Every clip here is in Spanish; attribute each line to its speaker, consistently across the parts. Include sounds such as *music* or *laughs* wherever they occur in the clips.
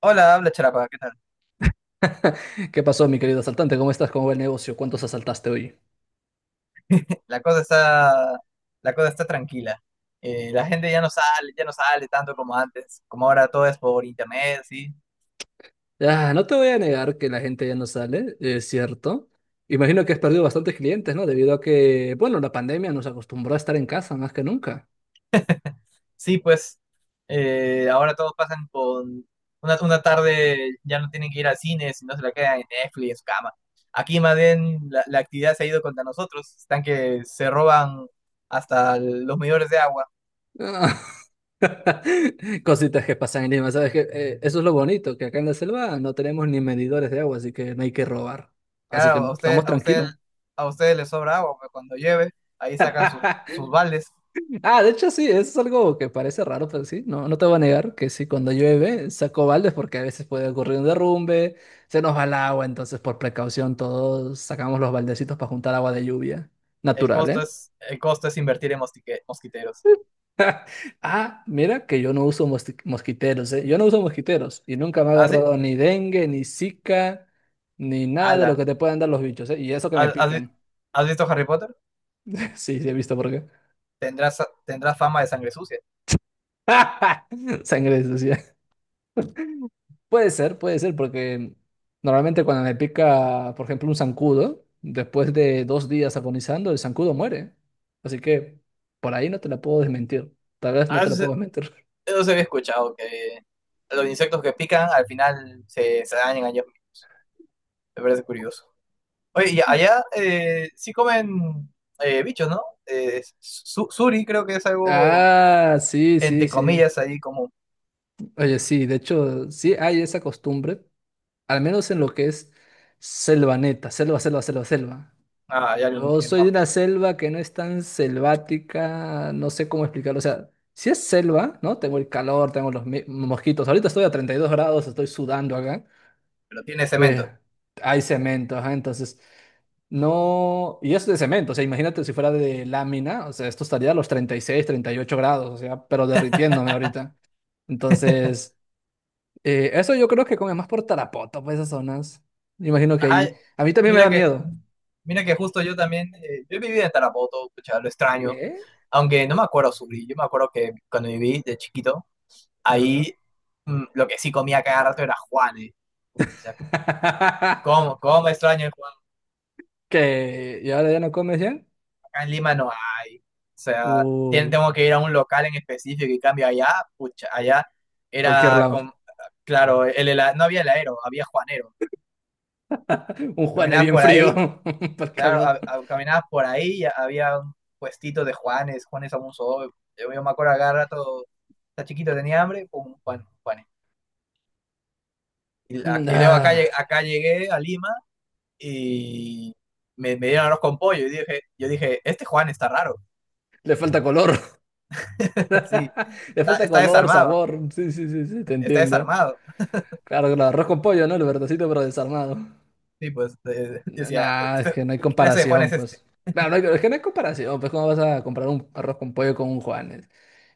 Speaker 1: Hola, habla Charapa, ¿qué tal?
Speaker 2: ¿Qué pasó, mi querido asaltante? ¿Cómo estás? ¿Cómo va el negocio? ¿Cuántos asaltaste hoy?
Speaker 1: *laughs* La cosa está, la cosa está tranquila. La gente ya no sale, tanto como antes, como ahora todo es por internet, sí.
Speaker 2: Ah, no te voy a negar que la gente ya no sale, es cierto. Imagino que has perdido bastantes clientes, ¿no? Debido a que, bueno, la pandemia nos acostumbró a estar en casa más que nunca.
Speaker 1: Sí, pues ahora todos pasan con una tarde, ya no tienen que ir al cine, sino se la quedan en Netflix, en su cama. Aquí más bien la actividad se ha ido contra nosotros, están que se roban hasta los medidores de agua.
Speaker 2: *laughs* Cositas que pasan en Lima, ¿sabes qué? Eso es lo bonito, que acá en la selva no tenemos ni medidores de agua, así que no hay que robar. Así que
Speaker 1: Claro, a usted,
Speaker 2: estamos
Speaker 1: a usted,
Speaker 2: tranquilos.
Speaker 1: a ustedes les sobra agua, pero cuando llueve, ahí sacan sus,
Speaker 2: *laughs*
Speaker 1: sus baldes.
Speaker 2: Ah, de hecho sí, es algo que parece raro, pero sí, no, no te voy a negar que sí, cuando llueve saco baldes porque a veces puede ocurrir un derrumbe, se nos va el agua, entonces por precaución todos sacamos los baldecitos para juntar agua de lluvia
Speaker 1: El
Speaker 2: natural,
Speaker 1: costo
Speaker 2: ¿eh?
Speaker 1: es, el costo es invertir en mosquiteros.
Speaker 2: Ah, mira que yo no uso mosquiteros, ¿eh? Yo no uso mosquiteros y nunca me ha
Speaker 1: ¿Ah, sí?
Speaker 2: agarrado ni dengue, ni zika, ni nada de lo que
Speaker 1: Ala.
Speaker 2: te puedan dar los bichos, ¿eh? Y eso que me
Speaker 1: ¿Has, has vi-
Speaker 2: pican.
Speaker 1: has visto Harry Potter?
Speaker 2: *laughs* Sí, sí, he visto por qué.
Speaker 1: Tendrás, tendrás fama de sangre sucia.
Speaker 2: *laughs* Sangre sucia. Puede ser, porque normalmente cuando me pica, por ejemplo, un zancudo, después de 2 días agonizando, el zancudo muere. Así que por ahí no te la puedo desmentir. Tal vez no
Speaker 1: Ah,
Speaker 2: te la puedo desmentir. *laughs*
Speaker 1: eso se había escuchado, que los insectos que pican al final se dañan allá. Me parece curioso. Oye, y allá sí comen bichos, ¿no? Suri creo que es algo,
Speaker 2: Ah, sí, sí,
Speaker 1: entre
Speaker 2: sí.
Speaker 1: comillas, ahí como...
Speaker 2: Oye, sí, de hecho, sí hay esa costumbre, al menos en lo que es selva neta, selva, selva, selva, selva.
Speaker 1: Ah, allá en
Speaker 2: Yo
Speaker 1: el
Speaker 2: soy de
Speaker 1: monte,
Speaker 2: una selva que no es tan selvática, no sé cómo explicarlo. O sea, si es selva, ¿no? Tengo el calor, tengo los mosquitos. Ahorita estoy a 32 grados, estoy sudando acá.
Speaker 1: pero tiene cemento.
Speaker 2: Ve, hay cemento, ajá, entonces no. Y es de cemento, o sea, imagínate si fuera de lámina, o sea, esto estaría a los 36, 38 grados, o sea, pero derritiéndome ahorita. Entonces, eso yo creo que come más por Tarapoto, pues esas zonas. Me imagino que
Speaker 1: Ah,
Speaker 2: ahí. A mí también me
Speaker 1: Mira
Speaker 2: da
Speaker 1: que,
Speaker 2: miedo.
Speaker 1: mira que justo yo también, yo viví en Tarapoto, pucha, lo extraño,
Speaker 2: ¿Qué?
Speaker 1: aunque no me acuerdo sufrir, yo me acuerdo que cuando viví de chiquito,
Speaker 2: A ver.
Speaker 1: ahí lo que sí comía cada rato era Juanes, o sea,
Speaker 2: *laughs*
Speaker 1: ¿cómo extraño el Juan?
Speaker 2: Que y ahora ya no comes ya.
Speaker 1: Acá en Lima no hay, o sea,
Speaker 2: Uy,
Speaker 1: tengo que ir a un local en específico y cambio allá, pucha, allá
Speaker 2: cualquier
Speaker 1: era,
Speaker 2: lado.
Speaker 1: claro, no había heladero, había Juanero,
Speaker 2: Un Juan es
Speaker 1: caminabas
Speaker 2: bien
Speaker 1: por ahí.
Speaker 2: frío *laughs* para el
Speaker 1: Claro,
Speaker 2: calor.
Speaker 1: caminabas por ahí y había un puestito de Juanes, Juanes Amunzo. Yo me acuerdo cada rato, está chiquito, tenía hambre, pum, Juan, Juanes. Y, la-
Speaker 2: Mm,
Speaker 1: y luego acá,
Speaker 2: ah,
Speaker 1: acá llegué a Lima y me dieron arroz con pollo y dije, yo dije, este Juan está raro.
Speaker 2: le falta color, *laughs*
Speaker 1: *laughs* Sí,
Speaker 2: le
Speaker 1: está,
Speaker 2: falta
Speaker 1: está
Speaker 2: color,
Speaker 1: desarmado,
Speaker 2: sabor. Sí, sí, sí, sí, te
Speaker 1: está
Speaker 2: entiendo.
Speaker 1: desarmado.
Speaker 2: Claro, claro, arroz con pollo, ¿no? El verdacito pero desarmado.
Speaker 1: Sí, pues decía,
Speaker 2: Nah, es
Speaker 1: "
Speaker 2: que no hay
Speaker 1: ¿qué clase de Juan
Speaker 2: comparación,
Speaker 1: es este?"
Speaker 2: pues. Claro, es que no hay comparación, pues, ¿cómo vas a comprar un arroz con pollo con un Juanes?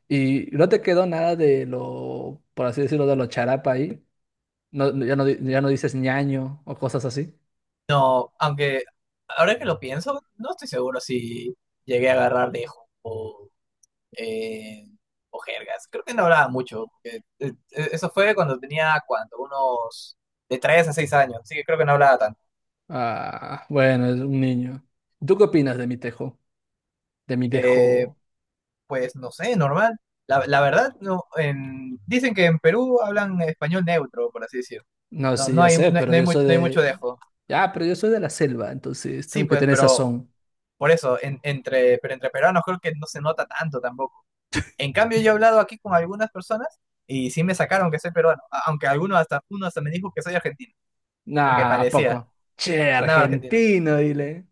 Speaker 2: Y no te quedó nada de lo, por así decirlo, de lo charapa ahí. No, ya no, ya no dices ñaño o cosas así.
Speaker 1: No, aunque ahora que lo pienso, no estoy seguro si llegué a agarrar lejos o eh, jergas. Creo que no hablaba mucho, porque, eso fue cuando tenía, ¿cuánto? Unos de 3 a 6 años. Así que creo que no hablaba tanto.
Speaker 2: Ah, bueno, es un niño. ¿Tú qué opinas de mi tejo? De mi
Speaker 1: Eh,
Speaker 2: tejo.
Speaker 1: pues no sé, normal. La verdad, no, dicen que en Perú hablan español neutro, por así decirlo.
Speaker 2: No, sí, ya sé, pero yo soy
Speaker 1: No hay mucho
Speaker 2: de.
Speaker 1: dejo.
Speaker 2: Ya, pero yo soy de la selva, entonces
Speaker 1: Sí,
Speaker 2: tengo que
Speaker 1: pues,
Speaker 2: tener
Speaker 1: pero
Speaker 2: sazón.
Speaker 1: por eso, entre peruanos creo que no se nota tanto tampoco. En cambio, yo he hablado aquí con algunas personas y sí me sacaron que soy peruano. Aunque algunos hasta, uno hasta me dijo que soy argentino, o que
Speaker 2: Nah, ¿a
Speaker 1: parecía.
Speaker 2: poco? Che,
Speaker 1: Sonaba argentina.
Speaker 2: argentino, dile.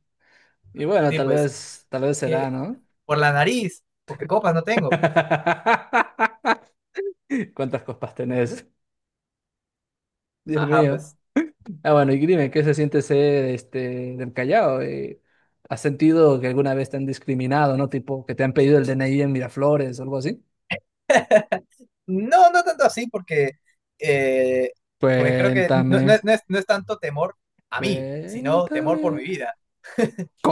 Speaker 2: Y bueno,
Speaker 1: Sí, pues,
Speaker 2: tal vez será,
Speaker 1: que
Speaker 2: ¿no?
Speaker 1: por la nariz, porque copas no tengo.
Speaker 2: *laughs* ¿Cuántas copas tenés? Dios
Speaker 1: Ajá,
Speaker 2: mío.
Speaker 1: pues,
Speaker 2: Ah, bueno, y dime, ¿qué se siente ser este del Callao? ¿Has sentido que alguna vez te han discriminado, ¿no? Tipo, que te han pedido el DNI en Miraflores o algo así?
Speaker 1: no, no tanto así, porque, eh, porque creo que
Speaker 2: Cuéntame,
Speaker 1: no es tanto temor a mí, sino temor por mi
Speaker 2: cuéntame.
Speaker 1: vida.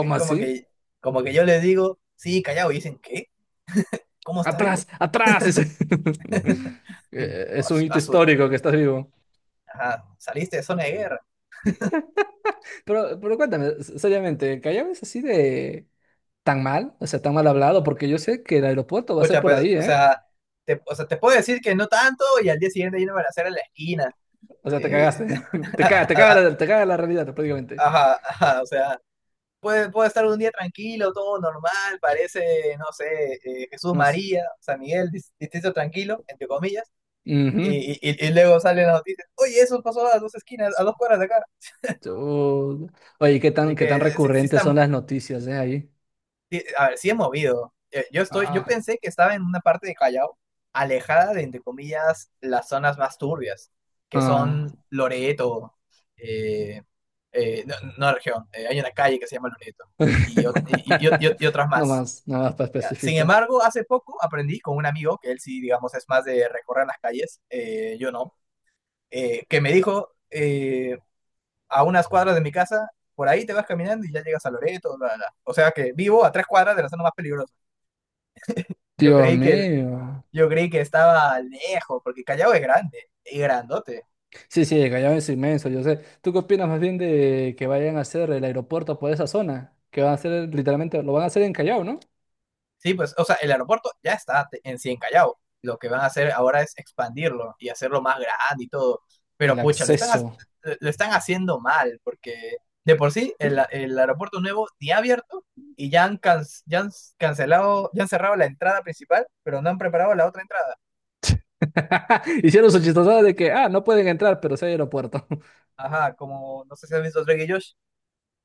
Speaker 1: Es como
Speaker 2: así?
Speaker 1: que, como que yo les digo, sí, callado, y dicen, ¿qué? ¿Cómo está vivo?
Speaker 2: Atrás, atrás, dice. *laughs*
Speaker 1: Y,
Speaker 2: Es un
Speaker 1: "As-
Speaker 2: hito
Speaker 1: asu-
Speaker 2: histórico que estás vivo.
Speaker 1: ajá, saliste de zona de guerra.
Speaker 2: Pero cuéntame, seriamente, ¿Callao es así de tan mal? O sea, tan mal hablado, porque yo sé que el aeropuerto va a ser
Speaker 1: Pucha,
Speaker 2: por
Speaker 1: pues,
Speaker 2: ahí, ¿eh?
Speaker 1: o sea, te puedo decir que no tanto, y al día siguiente yo no me la en la esquina.
Speaker 2: O sea, te
Speaker 1: Eh,
Speaker 2: cagaste. *laughs*
Speaker 1: *laughs*
Speaker 2: Te caga la realidad, prácticamente.
Speaker 1: ajá, ajá, o sea. Puede estar un día tranquilo, todo normal, parece, no sé, Jesús
Speaker 2: No es-
Speaker 1: María, San Miguel, distrito tranquilo, entre comillas,
Speaker 2: Ujú.
Speaker 1: y luego salen las noticias, oye, eso pasó a dos esquinas, a dos cuadras de acá.
Speaker 2: Tú- Oye, ¿qué tan,
Speaker 1: Así
Speaker 2: qué tan
Speaker 1: que sí,
Speaker 2: recurrentes son las noticias, ahí?
Speaker 1: sí, a ver, sí es movido. Yo
Speaker 2: Ah,
Speaker 1: pensé que estaba en una parte de Callao, alejada de, entre comillas, las zonas más turbias, que
Speaker 2: ah.
Speaker 1: son Loreto, eh, no, no región, hay una calle que se llama Loreto, y, ot- y y- y-
Speaker 2: *laughs*
Speaker 1: y otras
Speaker 2: No
Speaker 1: más.
Speaker 2: más, nada más para
Speaker 1: Ya. Sin
Speaker 2: especificar.
Speaker 1: embargo, hace poco aprendí con un amigo, que él sí, digamos, es más de recorrer las calles, yo no, que me dijo a unas cuadras de mi casa, por ahí te vas caminando y ya llegas a Loreto, bla, bla, bla". O sea que vivo a tres cuadras de la zona más peligrosa. Yo
Speaker 2: Dios
Speaker 1: creí que,
Speaker 2: mío.
Speaker 1: yo creí que estaba lejos, porque Callao es grande y grandote.
Speaker 2: Sí, sí, el Callao es inmenso, yo sé. ¿Tú qué opinas más bien de que vayan a hacer el aeropuerto por esa zona? Que van a hacer, literalmente, lo van a hacer en Callao, ¿no?
Speaker 1: Sí, pues, o sea, el aeropuerto ya está en sí en Callao. Lo que van a hacer ahora es expandirlo y hacerlo más grande y todo. Pero
Speaker 2: El
Speaker 1: pucha,
Speaker 2: acceso.
Speaker 1: lo están haciendo mal, porque de por sí el,
Speaker 2: Mm.
Speaker 1: el aeropuerto nuevo ni ha abierto y ya han, can- ya han cancelado, ya han cerrado la entrada principal, pero no han preparado la otra entrada.
Speaker 2: *laughs* Hicieron su chistosada de que, ah, no pueden entrar, pero sí hay aeropuerto. *laughs*
Speaker 1: Ajá, como no sé si has visto Drake y Josh,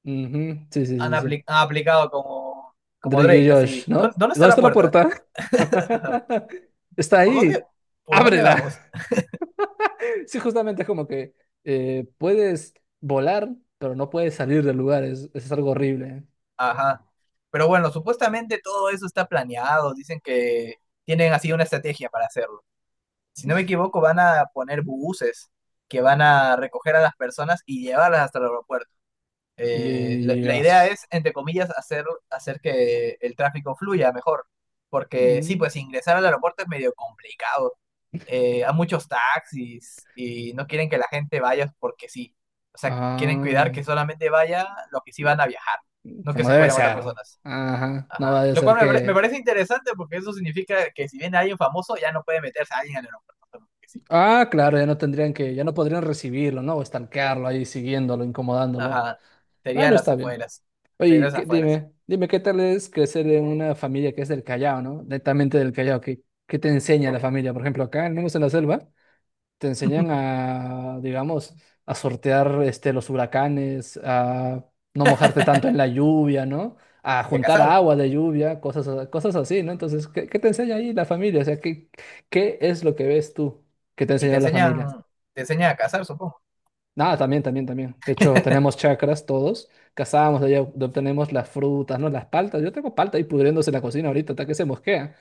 Speaker 2: Ujú, sí, sí,
Speaker 1: han,
Speaker 2: sí, sí.
Speaker 1: apli- han aplicado como, como
Speaker 2: Drake
Speaker 1: Drake,
Speaker 2: y
Speaker 1: así.
Speaker 2: Josh, ¿no?
Speaker 1: ¿Dónde está
Speaker 2: ¿Dónde
Speaker 1: la
Speaker 2: está la
Speaker 1: puerta?
Speaker 2: puerta?
Speaker 1: *laughs*
Speaker 2: *laughs* Está
Speaker 1: ¿Por dónde,
Speaker 2: ahí.
Speaker 1: por dónde vamos?
Speaker 2: Ábrela. Sí, justamente es como que puedes volar, pero no puedes salir del lugar. Es algo horrible.
Speaker 1: Ajá. Pero bueno, supuestamente todo eso está planeado. Dicen que tienen así una estrategia para hacerlo. Si no me equivoco, van a poner buses que van a recoger a las personas y llevarlas hasta el aeropuerto. Eh,
Speaker 2: Y
Speaker 1: la, la idea
Speaker 2: Dios.
Speaker 1: es, entre comillas, hacer que el tráfico fluya mejor. Porque sí,
Speaker 2: Mm,
Speaker 1: pues ingresar al aeropuerto es medio complicado. Hay muchos taxis y no quieren que la gente vaya porque sí. O sea, quieren cuidar
Speaker 2: ah,
Speaker 1: que solamente vaya los que sí van a viajar, no que
Speaker 2: como
Speaker 1: se
Speaker 2: debe
Speaker 1: cuelen otras
Speaker 2: ser.
Speaker 1: personas.
Speaker 2: Ajá. No
Speaker 1: Ajá.
Speaker 2: va a
Speaker 1: Lo
Speaker 2: ser
Speaker 1: cual me
Speaker 2: que.
Speaker 1: parece interesante porque eso significa que si viene alguien famoso, ya no puede meterse a alguien al aeropuerto porque sí.
Speaker 2: Ah, claro, ya no tendrían que, ya no podrían recibirlo, ¿no? O estanquearlo ahí, siguiéndolo, incomodándolo.
Speaker 1: Ajá. Sería
Speaker 2: Bueno,
Speaker 1: las
Speaker 2: está bien.
Speaker 1: afueras. Sería
Speaker 2: Oye,
Speaker 1: las afueras.
Speaker 2: dime, dime, ¿qué tal es crecer en una familia que es del Callao, ¿no? Netamente del Callao. ¿Qué te enseña la familia? Por ejemplo, acá, al menos en la selva, te enseñan
Speaker 1: *laughs*
Speaker 2: a, digamos, a sortear este, los huracanes, a no mojarte tanto en la lluvia, ¿no? A
Speaker 1: Y a
Speaker 2: juntar
Speaker 1: cazar.
Speaker 2: agua de lluvia, cosas, cosas así, ¿no? Entonces, ¿qué te enseña ahí la familia? O sea, ¿qué es lo que ves tú que te
Speaker 1: Y te
Speaker 2: enseñó la familia?
Speaker 1: enseñan, te enseñan a cazar, supongo.
Speaker 2: Nada, también, también, también. De hecho, tenemos chakras todos, cazamos, de ahí obtenemos las frutas, ¿no? Las paltas. Yo tengo palta ahí pudriéndose en la cocina ahorita, hasta que se mosquea.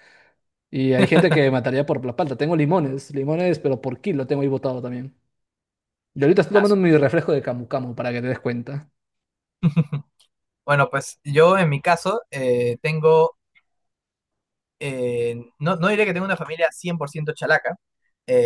Speaker 2: Y hay gente que mataría por la palta. Tengo limones, limones, pero por kilo tengo ahí botado también. Y ahorita estoy
Speaker 1: Ah,
Speaker 2: tomando mi refresco de Camu Camu para que te des cuenta.
Speaker 1: *laughs* Bueno, pues yo en mi caso no, no diré que tengo una familia 100% chalaca,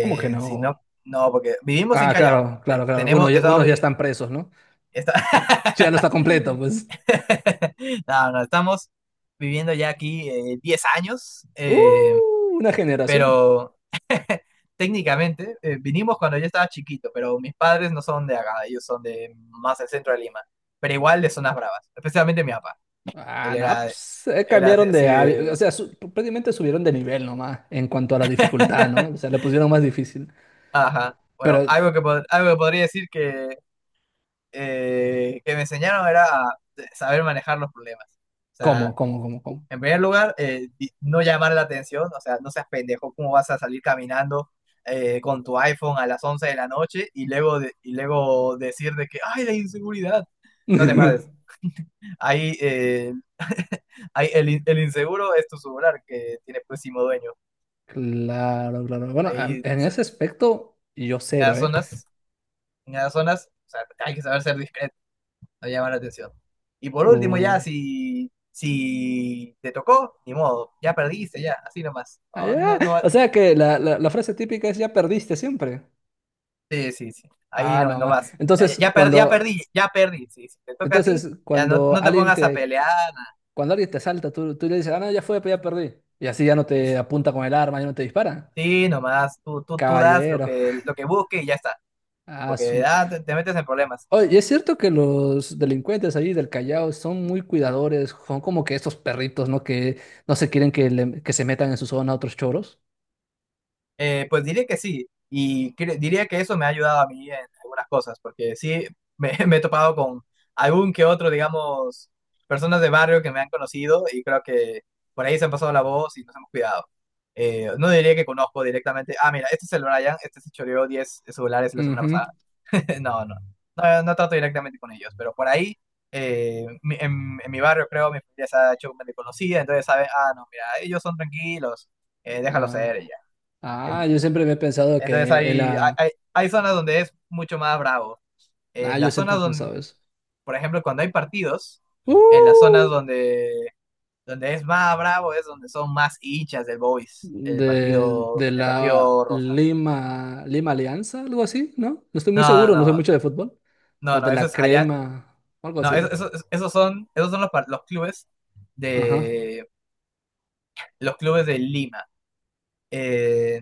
Speaker 2: ¿Cómo que
Speaker 1: sino,
Speaker 2: no?
Speaker 1: no, porque vivimos en
Speaker 2: Ah,
Speaker 1: Callao.
Speaker 2: claro, claro, claro. Uno
Speaker 1: Tenemos,
Speaker 2: ya-
Speaker 1: estamos,
Speaker 2: unos ya están presos, ¿no?
Speaker 1: está-
Speaker 2: Sí, ya no está completo, pues.
Speaker 1: *laughs* no, no, estamos viviendo ya aquí 10 años,
Speaker 2: ¡Uh! Una generación.
Speaker 1: pero *laughs* técnicamente vinimos cuando yo estaba chiquito, pero mis padres no son de acá, ellos son de más del centro de Lima, pero igual de zonas bravas, especialmente mi papá.
Speaker 2: Ah,
Speaker 1: Él
Speaker 2: no,
Speaker 1: era, de-
Speaker 2: pues
Speaker 1: Él era así
Speaker 2: O
Speaker 1: de...
Speaker 2: sea, prácticamente subieron de nivel nomás en cuanto a la dificultad, ¿no?
Speaker 1: *laughs*
Speaker 2: O sea, le pusieron más difícil.
Speaker 1: Ajá. Bueno,
Speaker 2: Pero,
Speaker 1: algo que podría decir que me enseñaron era a saber manejar los problemas. O sea,
Speaker 2: ¿cómo, cómo, cómo, cómo?
Speaker 1: en primer lugar, no llamar la atención, o sea, no seas pendejo, ¿cómo vas a salir caminando con tu iPhone a las 11 de la noche y luego, decir de que, ay, la inseguridad? No te pases.
Speaker 2: *laughs*
Speaker 1: Ahí, *laughs* ahí el inseguro es tu celular que tiene próximo dueño.
Speaker 2: Claro, claro. Bueno,
Speaker 1: Ahí,
Speaker 2: en
Speaker 1: se-
Speaker 2: ese aspecto, yo
Speaker 1: en
Speaker 2: cero,
Speaker 1: las
Speaker 2: ¿eh?
Speaker 1: zonas, o sea, hay que saber ser discreto, no llamar la atención. Y por último, ya,
Speaker 2: Uh,
Speaker 1: si te tocó, ni modo, ya perdiste, ya, así nomás.
Speaker 2: ah,
Speaker 1: No,
Speaker 2: ya.
Speaker 1: no, no.
Speaker 2: O sea que la frase típica es ya perdiste siempre.
Speaker 1: Sí, sí, sí. Ahí
Speaker 2: Ah,
Speaker 1: no,
Speaker 2: no
Speaker 1: no
Speaker 2: ma-
Speaker 1: más. Ya, ya,
Speaker 2: Entonces,
Speaker 1: ya perdí, ya
Speaker 2: cuando,
Speaker 1: perdí, ya perdí. Sí, si te toca a ti,
Speaker 2: entonces,
Speaker 1: ya no,
Speaker 2: cuando
Speaker 1: no te
Speaker 2: alguien
Speaker 1: pongas a
Speaker 2: te,
Speaker 1: pelear.
Speaker 2: cuando alguien te asalta, tú le dices, ah, no, ya fue, pues ya perdí. Y así ya no te
Speaker 1: Es-
Speaker 2: apunta con el arma, ya no te dispara.
Speaker 1: sí, nomás. Tú das
Speaker 2: Caballero.
Speaker 1: lo que busque y ya está.
Speaker 2: Ah,
Speaker 1: Porque
Speaker 2: su.
Speaker 1: te metes en problemas.
Speaker 2: Oye, es cierto que los delincuentes ahí del Callao son muy cuidadores, son como que estos perritos, ¿no? Que no se quieren que, que se metan en su zona otros choros.
Speaker 1: Pues diría que sí, y diría que eso me ha ayudado a mí en algunas cosas, porque sí me, *laughs* me he topado con algún que otro, digamos, personas de barrio que me han conocido y creo que por ahí se han pasado la voz y nos hemos cuidado. No diría que conozco directamente, ah, mira, este es el Brian, este se choreó 10 celulares la semana
Speaker 2: Ujú.
Speaker 1: pasada. *laughs* No, no, no, no trato directamente con ellos, pero por ahí, en, mi barrio creo, mi familia se ha hecho medio conocida, entonces sabe, ah, no, mira, ellos son tranquilos, déjalo ser
Speaker 2: Ah,
Speaker 1: y ya.
Speaker 2: ah, yo siempre había pensado
Speaker 1: Entonces
Speaker 2: que él
Speaker 1: hay,
Speaker 2: a-
Speaker 1: hay, hay zonas donde es mucho más bravo.
Speaker 2: Ah,
Speaker 1: En
Speaker 2: yo
Speaker 1: las
Speaker 2: siempre
Speaker 1: zonas
Speaker 2: he
Speaker 1: donde,
Speaker 2: pensado eso.
Speaker 1: por ejemplo, cuando hay partidos, en las zonas
Speaker 2: ¡Uh!
Speaker 1: donde es más bravo es donde son más hinchas del Boys, el
Speaker 2: De,
Speaker 1: partido,
Speaker 2: de
Speaker 1: el
Speaker 2: la
Speaker 1: partido rosa.
Speaker 2: Lima, Lima Alianza, algo así, ¿no? No estoy muy
Speaker 1: No,
Speaker 2: seguro, no sé
Speaker 1: no,
Speaker 2: mucho de fútbol. O
Speaker 1: no,
Speaker 2: de
Speaker 1: no, eso
Speaker 2: la
Speaker 1: es allá.
Speaker 2: Crema, o algo
Speaker 1: No,
Speaker 2: así era.
Speaker 1: esos son, los,
Speaker 2: Ajá.
Speaker 1: de los clubes de Lima. Eh,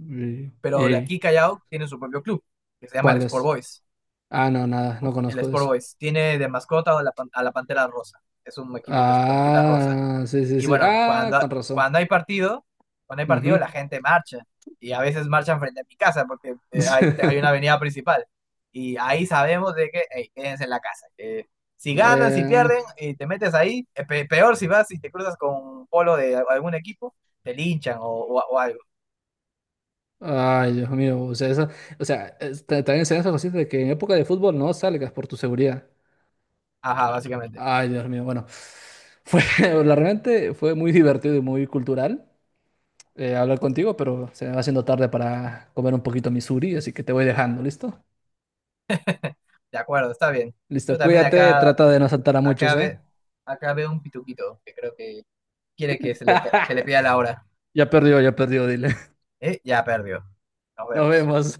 Speaker 2: ¿Y,
Speaker 1: pero de
Speaker 2: y
Speaker 1: aquí Callao tiene su propio club, que se llama el
Speaker 2: cuál
Speaker 1: Sport
Speaker 2: es?
Speaker 1: Boys.
Speaker 2: Ah, no, nada, no
Speaker 1: El
Speaker 2: conozco de
Speaker 1: Sport
Speaker 2: eso.
Speaker 1: Boys tiene de mascota a a la Pantera Rosa. Es un equipo que su camiseta es rosa.
Speaker 2: Ah, sí, sí,
Speaker 1: Y
Speaker 2: sí.
Speaker 1: bueno,
Speaker 2: Ah, con razón.
Speaker 1: cuando hay partido, cuando hay partido la
Speaker 2: Ujú.
Speaker 1: gente marcha. Y a veces marchan frente a mi casa porque hay una avenida
Speaker 2: *laughs*
Speaker 1: principal. Y ahí sabemos de que, hey, quédense en la casa, que si ganan, si
Speaker 2: Eh,
Speaker 1: pierden, y te metes ahí, peor si vas y te cruzas con un polo de algún equipo, te linchan o, o algo.
Speaker 2: Ay, Dios mío, o sea, esa, o sea, también se dan esas cositas de que en época de fútbol no salgas por tu seguridad.
Speaker 1: Ajá, básicamente.
Speaker 2: Ay, Dios mío, bueno, fue, *laughs* realmente fue muy divertido y muy cultural hablar contigo, pero se me va haciendo tarde para comer un poquito mi suri, así que te voy dejando, ¿listo?
Speaker 1: De acuerdo, está bien. Yo
Speaker 2: Listo,
Speaker 1: también
Speaker 2: cuídate,
Speaker 1: acá,
Speaker 2: trata de no saltar a muchos,
Speaker 1: ve,
Speaker 2: ¿eh?
Speaker 1: acá veo un pituquito que creo que quiere que, que le
Speaker 2: *laughs*
Speaker 1: pida la hora.
Speaker 2: Ya perdió, dile.
Speaker 1: Ya perdió. Nos
Speaker 2: *laughs* Nos
Speaker 1: vemos.
Speaker 2: vemos.